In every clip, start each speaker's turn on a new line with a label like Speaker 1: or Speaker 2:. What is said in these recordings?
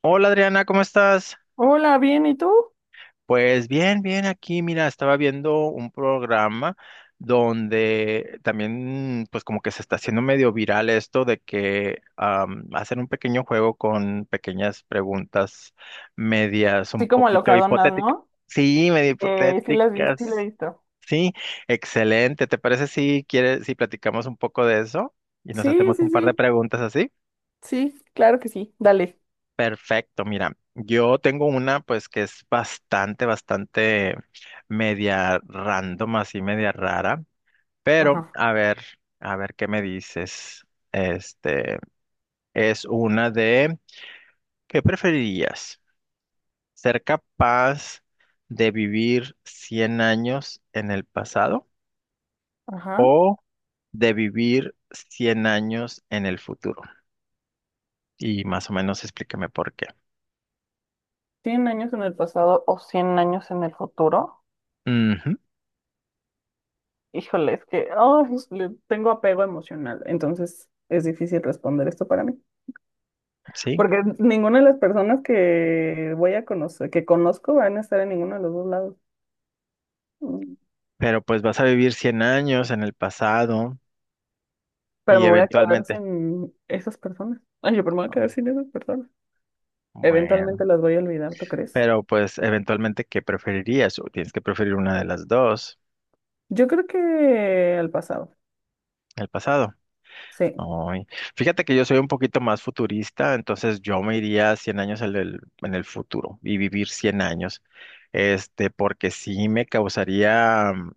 Speaker 1: Hola Adriana, ¿cómo estás?
Speaker 2: Hola, bien, ¿y tú?
Speaker 1: Pues bien, bien aquí, mira, estaba viendo un programa donde también pues como que se está haciendo medio viral esto de que hacen un pequeño juego con pequeñas preguntas medias
Speaker 2: Así
Speaker 1: un
Speaker 2: como
Speaker 1: poquito
Speaker 2: locadonas,
Speaker 1: hipotéticas.
Speaker 2: ¿no?
Speaker 1: Sí, medio
Speaker 2: Sí las vi, las he
Speaker 1: hipotéticas.
Speaker 2: visto.
Speaker 1: Sí, excelente. ¿Te parece si quieres, si platicamos un poco de eso y nos
Speaker 2: Sí,
Speaker 1: hacemos
Speaker 2: sí,
Speaker 1: un par de
Speaker 2: sí,
Speaker 1: preguntas así?
Speaker 2: sí, claro que sí, dale.
Speaker 1: Perfecto, mira, yo tengo una pues que es bastante, bastante media random, así media rara, pero
Speaker 2: Ajá,
Speaker 1: a ver qué me dices. Este es una de, ¿Qué preferirías? ¿Ser capaz de vivir 100 años en el pasado
Speaker 2: ajá.
Speaker 1: o de vivir 100 años en el futuro? Y más o menos explícame por qué.
Speaker 2: ¿Cien años en el pasado o 100 años en el futuro?
Speaker 1: Ujú,
Speaker 2: Híjole, es que ay, le tengo apego emocional, entonces es difícil responder esto para mí.
Speaker 1: sí,
Speaker 2: Porque ninguna de las personas que voy a conocer, que conozco, van a estar en ninguno de los dos lados. Mm.
Speaker 1: pero pues vas a vivir 100 años en el pasado
Speaker 2: Pero
Speaker 1: y
Speaker 2: me voy a quedar
Speaker 1: eventualmente,
Speaker 2: sin esas personas. Ay, pero me voy a
Speaker 1: ah,
Speaker 2: quedar sin esas personas. Eventualmente
Speaker 1: bueno,
Speaker 2: las voy a olvidar, ¿tú crees?
Speaker 1: pero pues eventualmente, ¿qué preferirías? O tienes que preferir una de las dos,
Speaker 2: Yo creo que al pasado.
Speaker 1: el pasado.
Speaker 2: Sí.
Speaker 1: Ay, fíjate que yo soy un poquito más futurista, entonces yo me iría 100 años en en el futuro y vivir 100 años, porque sí me causaría,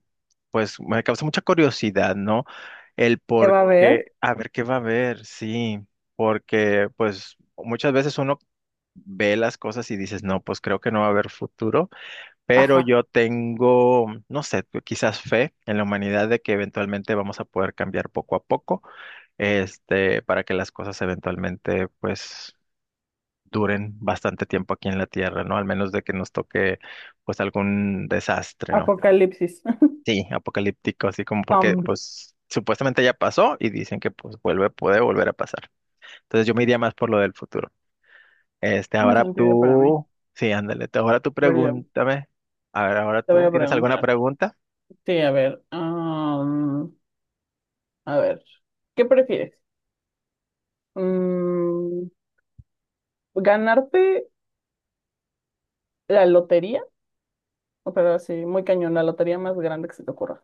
Speaker 1: pues me causa mucha curiosidad, ¿no? El
Speaker 2: ¿Qué
Speaker 1: por
Speaker 2: va a haber?
Speaker 1: qué, a ver qué va a haber, sí, porque pues muchas veces uno ve las cosas y dices, no, pues creo que no va a haber futuro, pero
Speaker 2: Ajá.
Speaker 1: yo tengo, no sé, quizás fe en la humanidad de que eventualmente vamos a poder cambiar poco a poco, para que las cosas eventualmente, pues, duren bastante tiempo aquí en la Tierra, ¿no? Al menos de que nos toque, pues, algún desastre, ¿no?
Speaker 2: ¡Apocalipsis!
Speaker 1: Sí, apocalíptico, así como porque,
Speaker 2: Zombie.
Speaker 1: pues, supuestamente ya pasó y dicen que, pues, vuelve, puede volver a pasar. Entonces yo me iría más por lo del futuro.
Speaker 2: Tiene
Speaker 1: Ahora
Speaker 2: sentido para mí.
Speaker 1: tú, sí, ándale, ahora tú
Speaker 2: A ver, yo
Speaker 1: pregúntame. A ver, ahora
Speaker 2: te voy
Speaker 1: tú,
Speaker 2: a
Speaker 1: ¿tienes alguna
Speaker 2: preguntar.
Speaker 1: pregunta?
Speaker 2: Sí, a ver. A ver. ¿Qué prefieres? Mm, ¿Ganarte la lotería? O, pero así, muy cañón, la lotería más grande que se te ocurra.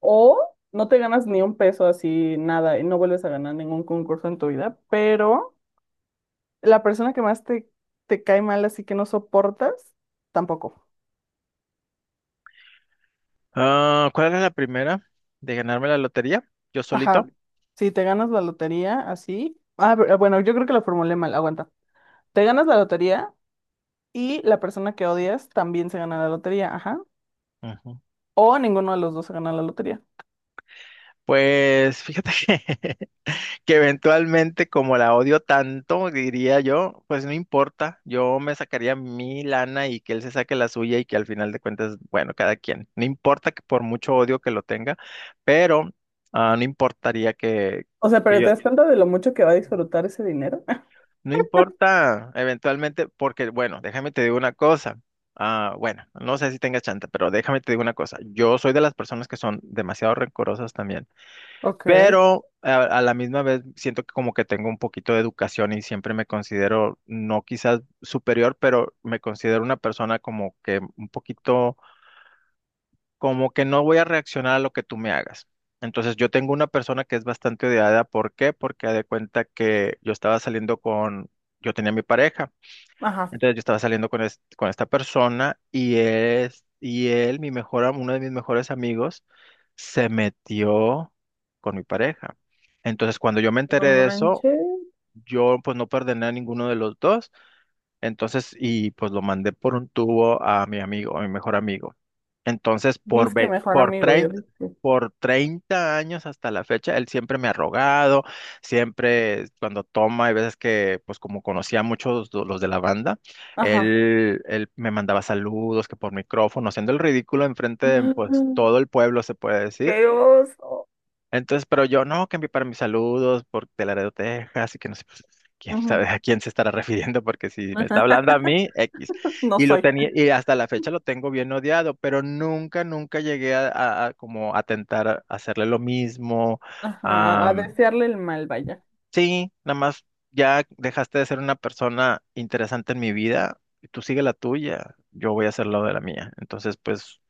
Speaker 2: O no te ganas ni un peso así, nada, y no vuelves a ganar ningún concurso en tu vida, pero la persona que más te cae mal, así que no soportas, tampoco.
Speaker 1: ¿Cuál es la primera de ganarme la lotería? ¿Yo
Speaker 2: Ajá.
Speaker 1: solito?
Speaker 2: Si te ganas la lotería, así. Ah, pero, bueno, yo creo que la formulé mal, aguanta. Te ganas la lotería y la persona que odias también se gana la lotería, ajá.
Speaker 1: Ujú.
Speaker 2: O ninguno de los dos se gana la lotería.
Speaker 1: Pues fíjate que, que eventualmente como la odio tanto, diría yo, pues no importa, yo me sacaría mi lana y que él se saque la suya y que al final de cuentas, bueno, cada quien, no importa que por mucho odio que lo tenga, pero no importaría
Speaker 2: O sea,
Speaker 1: que
Speaker 2: pero
Speaker 1: yo,
Speaker 2: ¿te das cuenta de lo mucho que va a disfrutar ese dinero?
Speaker 1: no importa, eventualmente, porque, bueno, déjame te digo una cosa. Bueno, no sé si tengas chanta, pero déjame te digo una cosa. Yo soy de las personas que son demasiado rencorosas también,
Speaker 2: Ok,
Speaker 1: pero a la misma vez siento que como que tengo un poquito de educación y siempre me considero, no quizás superior, pero me considero una persona como que un poquito, como que no voy a reaccionar a lo que tú me hagas. Entonces yo tengo una persona que es bastante odiada. ¿Por qué? Porque haz de cuenta que yo estaba saliendo con, yo tenía mi pareja.
Speaker 2: ajá.
Speaker 1: Entonces yo estaba saliendo con, con esta persona y él, mi mejor, uno de mis mejores amigos, se metió con mi pareja. Entonces cuando yo me
Speaker 2: No
Speaker 1: enteré de eso,
Speaker 2: manches.
Speaker 1: yo pues no perdoné a ninguno de los dos entonces, y pues lo mandé por un tubo a mi amigo, a mi mejor amigo. Entonces, por,
Speaker 2: Dice que
Speaker 1: ve-
Speaker 2: mejor
Speaker 1: por
Speaker 2: amigo, yo
Speaker 1: treinta,
Speaker 2: dije.
Speaker 1: por 30 años hasta la fecha, él siempre me ha rogado, siempre cuando toma, hay veces que, pues como conocía a muchos de los de la banda,
Speaker 2: Ajá.
Speaker 1: él me mandaba saludos, que por micrófono, haciendo el ridículo enfrente de, pues, todo el pueblo, se puede decir.
Speaker 2: ¡Qué oso!
Speaker 1: Entonces, pero yo no, que envié para mis saludos por de Laredo, Texas, y que no sé, pues, quién
Speaker 2: Ujú.
Speaker 1: sabe a quién se estará refiriendo, porque si me está hablando a mí, X.
Speaker 2: No
Speaker 1: Y lo
Speaker 2: soy.
Speaker 1: tenía, y hasta la fecha lo tengo bien odiado, pero nunca, nunca llegué a como a tentar hacerle lo mismo.
Speaker 2: Ajá, a
Speaker 1: Am,
Speaker 2: desearle el mal, vaya.
Speaker 1: sí, nada más ya dejaste de ser una persona interesante en mi vida, y tú sigue la tuya, yo voy a hacer lo de la mía. Entonces, pues.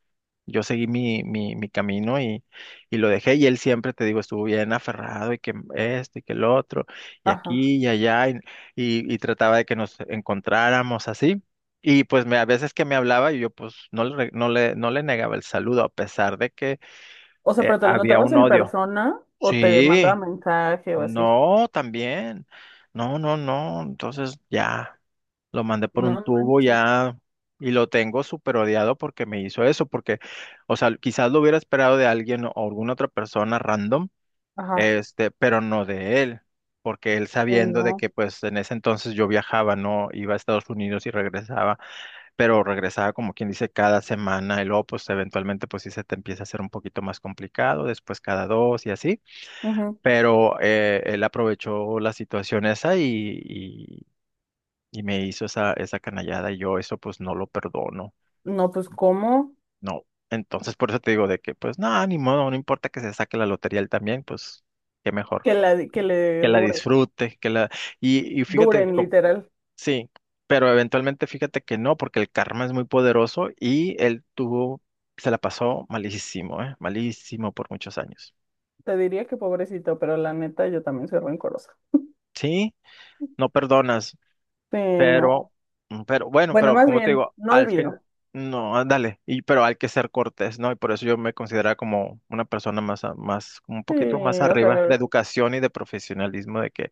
Speaker 1: Yo seguí mi camino y lo dejé y él siempre, te digo, estuvo bien aferrado y que esto y que el otro y
Speaker 2: Ajá.
Speaker 1: aquí y allá y, y trataba de que nos encontráramos así. Y pues me, a veces que me hablaba y yo pues no le, re- no le, no le negaba el saludo a pesar de que
Speaker 2: O sea, pero te lo
Speaker 1: había
Speaker 2: encontrabas
Speaker 1: un
Speaker 2: en bueno,
Speaker 1: odio.
Speaker 2: persona o te. Mandaba
Speaker 1: Sí,
Speaker 2: mensaje o así.
Speaker 1: no, también. No, no, no. Entonces ya lo mandé por
Speaker 2: No
Speaker 1: un tubo
Speaker 2: manches.
Speaker 1: ya y lo tengo súper odiado porque me hizo eso, porque, o sea, quizás lo hubiera esperado de alguien o alguna otra persona random,
Speaker 2: Ajá.
Speaker 1: pero no de él, porque él
Speaker 2: Y
Speaker 1: sabiendo de
Speaker 2: no.
Speaker 1: que pues en ese entonces yo viajaba, no iba a Estados Unidos y regresaba, pero regresaba como quien dice cada semana y luego pues eventualmente pues sí se te empieza a hacer un poquito más complicado, después cada dos y así
Speaker 2: Ujú.
Speaker 1: pero él aprovechó la situación esa y, y- y me hizo esa, esa canallada y yo eso pues no lo perdono,
Speaker 2: No, pues ¿cómo?
Speaker 1: no. Entonces por eso te digo de que pues no, ni modo, no importa que se saque la lotería él también, pues qué mejor,
Speaker 2: Que la, que le
Speaker 1: que la
Speaker 2: dure.
Speaker 1: disfrute, que la... Y, y fíjate,
Speaker 2: Duren, literal.
Speaker 1: sí, pero eventualmente fíjate que no, porque el karma es muy poderoso y él tuvo, se la pasó malísimo, ¿eh? Malísimo por muchos años.
Speaker 2: Te diría que pobrecito, pero la neta yo también soy rencorosa.
Speaker 1: Sí, no perdonas.
Speaker 2: Sí,
Speaker 1: Pero,
Speaker 2: no.
Speaker 1: pero bueno,
Speaker 2: Bueno,
Speaker 1: pero
Speaker 2: más
Speaker 1: como te
Speaker 2: bien,
Speaker 1: digo,
Speaker 2: no
Speaker 1: al fin,
Speaker 2: olvido.
Speaker 1: no, ándale y, pero hay que ser cortés, ¿no? Y por eso yo me considero como una persona más, más, como un poquito más
Speaker 2: Sí, o
Speaker 1: arriba de
Speaker 2: sea,
Speaker 1: educación y de profesionalismo, de que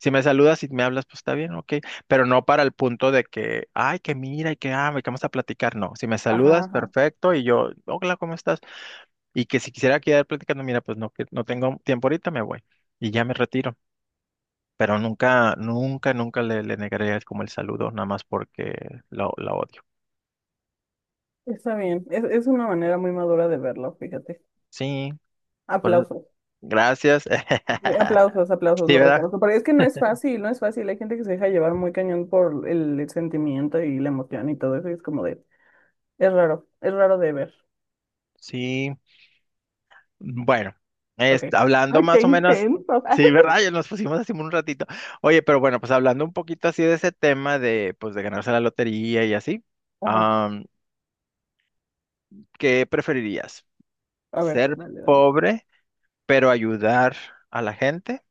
Speaker 1: si me saludas y me hablas, pues está bien, ok, pero no para el punto de que, ay, que mira y que, que vamos a platicar, no, si me saludas,
Speaker 2: ajá.
Speaker 1: perfecto, y yo, hola, ¿cómo estás? Y que si quisiera quedar platicando, mira, pues no, que no tengo tiempo ahorita, me voy y ya me retiro. Pero nunca, nunca, nunca le, le negaré como el saludo, nada más porque la odio.
Speaker 2: Está bien. Es una manera muy madura de verlo, fíjate.
Speaker 1: Sí, por-
Speaker 2: Aplausos.
Speaker 1: gracias.
Speaker 2: Aplausos, aplausos,
Speaker 1: Sí,
Speaker 2: lo
Speaker 1: ¿verdad?
Speaker 2: reconozco. Pero es que no es fácil, no es fácil. Hay gente que se deja llevar muy cañón por el sentimiento y la emoción y todo eso. Y es como es raro de ver.
Speaker 1: Sí. Bueno,
Speaker 2: Ok.
Speaker 1: hablando
Speaker 2: Ay, qué
Speaker 1: más o menos,
Speaker 2: intenso.
Speaker 1: sí, ¿verdad? Ya nos pusimos así un ratito. Oye, pero bueno, pues hablando un poquito así de ese tema de, pues, de ganarse la lotería y así,
Speaker 2: Ajá.
Speaker 1: am, ¿qué preferirías?
Speaker 2: A ver,
Speaker 1: ¿Ser
Speaker 2: dale, dale.
Speaker 1: pobre, pero ayudar a la gente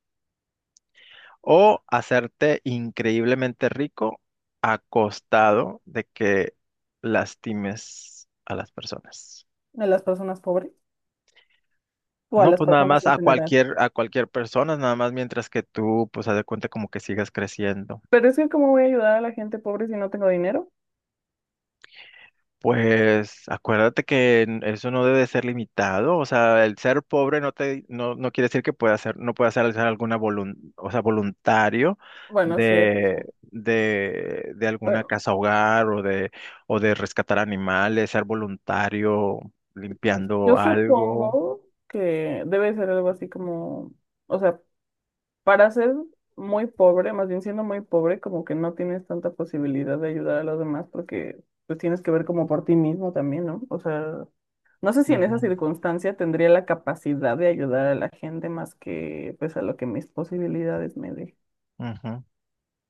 Speaker 1: o hacerte increíblemente rico a costado de que lastimes a las personas?
Speaker 2: ¿A las personas pobres? O a
Speaker 1: No,
Speaker 2: las
Speaker 1: pues nada
Speaker 2: personas
Speaker 1: más
Speaker 2: en general.
Speaker 1: a cualquier persona, nada más mientras que tú, pues haz de cuenta como que sigas creciendo.
Speaker 2: Pero es que, ¿cómo voy a ayudar a la gente pobre si no tengo dinero?
Speaker 1: Pues acuérdate que eso no debe ser limitado, o sea, el ser pobre no, no quiere decir que pueda ser no puedas hacer alguna o sea, voluntario
Speaker 2: Bueno, sí, eso sí.
Speaker 1: de alguna
Speaker 2: Bueno,
Speaker 1: casa hogar o de rescatar animales, ser voluntario limpiando
Speaker 2: yo
Speaker 1: algo.
Speaker 2: supongo que debe ser algo así como, o sea, para ser muy pobre, más bien siendo muy pobre, como que no tienes tanta posibilidad de ayudar a los demás porque pues tienes que ver como por ti mismo también, ¿no? O sea, no sé si en
Speaker 1: Ujú,
Speaker 2: esa circunstancia tendría la capacidad de ayudar a la gente más que pues a lo que mis posibilidades me dejen.
Speaker 1: ujú.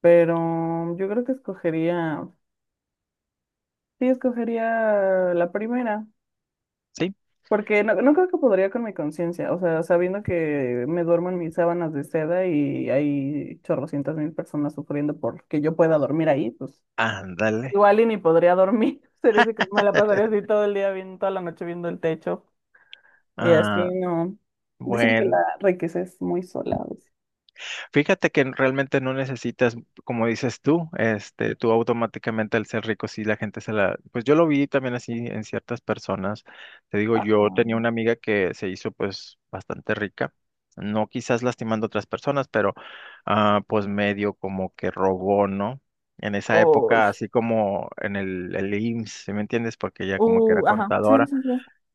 Speaker 2: Pero yo creo que sí, escogería la primera.
Speaker 1: Sí,
Speaker 2: Porque no, no creo que podría con mi conciencia, o sea, sabiendo que me duermo en mis sábanas de seda y hay chorrocientas mil personas sufriendo porque yo pueda dormir ahí, pues
Speaker 1: ándale.
Speaker 2: igual y ni podría dormir, sería así como me la pasaría así todo el día viendo, toda la noche viendo el techo y
Speaker 1: Ah,
Speaker 2: así no. Dicen que la
Speaker 1: bueno.
Speaker 2: riqueza es muy sola a veces.
Speaker 1: Fíjate que realmente no necesitas, como dices tú, tú automáticamente al ser rico, sí, la gente se la, pues yo lo vi también así en ciertas personas. Te digo, yo
Speaker 2: Ajá.
Speaker 1: tenía una amiga que se hizo pues bastante rica, no quizás lastimando a otras personas, pero pues medio como que robó, ¿no? En esa época,
Speaker 2: Uy.
Speaker 1: así como en el IMSS, ¿sí me entiendes? Porque ella como que era
Speaker 2: Ajá. Sí,
Speaker 1: contadora.
Speaker 2: sí, sí.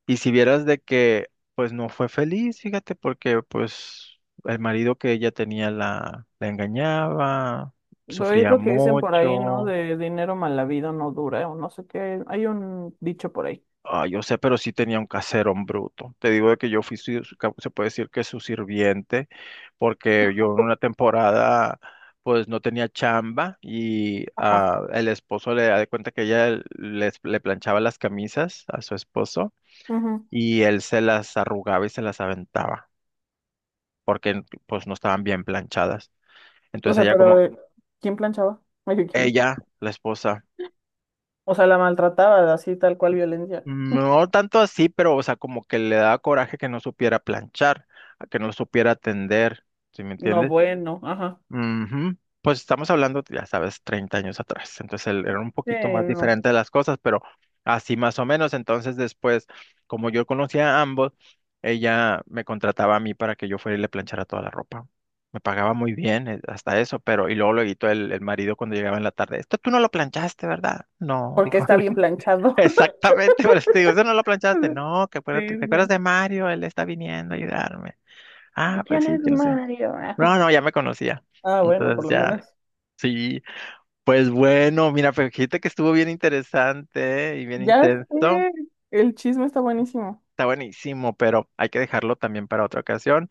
Speaker 1: Y si vieras de que, pues no fue feliz, fíjate, porque pues el marido que ella tenía la engañaba,
Speaker 2: Lo es
Speaker 1: sufría
Speaker 2: lo que dicen por ahí, ¿no?
Speaker 1: mucho.
Speaker 2: De dinero mal habido no dura, o no sé qué, hay un dicho por ahí.
Speaker 1: Ah, yo sé, pero sí tenía un caserón bruto. Te digo de que yo fui, se puede decir que su sirviente, porque yo en una temporada, pues no tenía chamba y
Speaker 2: Ajá.
Speaker 1: el esposo le da de cuenta que ella le planchaba las camisas a su esposo
Speaker 2: Ujú.
Speaker 1: y él se las arrugaba y se las aventaba. Porque pues no estaban bien planchadas.
Speaker 2: O
Speaker 1: Entonces
Speaker 2: sea,
Speaker 1: ella
Speaker 2: pero
Speaker 1: como,
Speaker 2: ¿quién planchaba? Ay, ¿quién planchaba?
Speaker 1: ella, la esposa,
Speaker 2: O sea, la maltrataba así, tal cual violencia.
Speaker 1: no tanto así, pero o sea, como que le daba coraje que no supiera planchar, a que no supiera tender, ¿sí me
Speaker 2: No,
Speaker 1: entiendes?
Speaker 2: bueno, ajá.
Speaker 1: Ujú. Pues estamos hablando, ya sabes, 30 años atrás. Entonces era un
Speaker 2: Sí,
Speaker 1: poquito más
Speaker 2: no.
Speaker 1: diferente de las cosas, pero así más o menos. Entonces después, como yo conocía a ambos, ella me contrataba a mí para que yo fuera y le planchara toda la ropa. Me pagaba muy bien hasta eso, pero y luego lo editó el marido cuando llegaba en la tarde. Esto tú no lo planchaste, ¿verdad? No,
Speaker 2: Porque
Speaker 1: dijo
Speaker 2: está
Speaker 1: él.
Speaker 2: bien planchado.
Speaker 1: Exactamente, por eso te digo, eso no lo planchaste. No, que
Speaker 2: Sí,
Speaker 1: te acuerdas
Speaker 2: sí.
Speaker 1: de Mario, él está viniendo a ayudarme.
Speaker 2: Sí.
Speaker 1: Ah, pues
Speaker 2: ¿Quién
Speaker 1: sí,
Speaker 2: es
Speaker 1: que no sé.
Speaker 2: Mario? Ah,
Speaker 1: No, no, ya me conocía.
Speaker 2: ah, bueno, por
Speaker 1: Entonces
Speaker 2: lo
Speaker 1: ya
Speaker 2: menos.
Speaker 1: sí, pues bueno, mira, pues fíjate que estuvo bien interesante y bien
Speaker 2: Ya
Speaker 1: intenso.
Speaker 2: sé. El chisme está buenísimo.
Speaker 1: Está buenísimo, pero hay que dejarlo también para otra ocasión.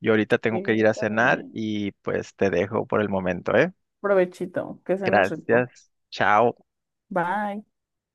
Speaker 1: Yo ahorita
Speaker 2: Sí,
Speaker 1: tengo que ir a
Speaker 2: está
Speaker 1: cenar
Speaker 2: bien.
Speaker 1: y pues te dejo por el momento, ¿eh?
Speaker 2: Provechito, que se rico.
Speaker 1: Gracias. Chao.
Speaker 2: Bye.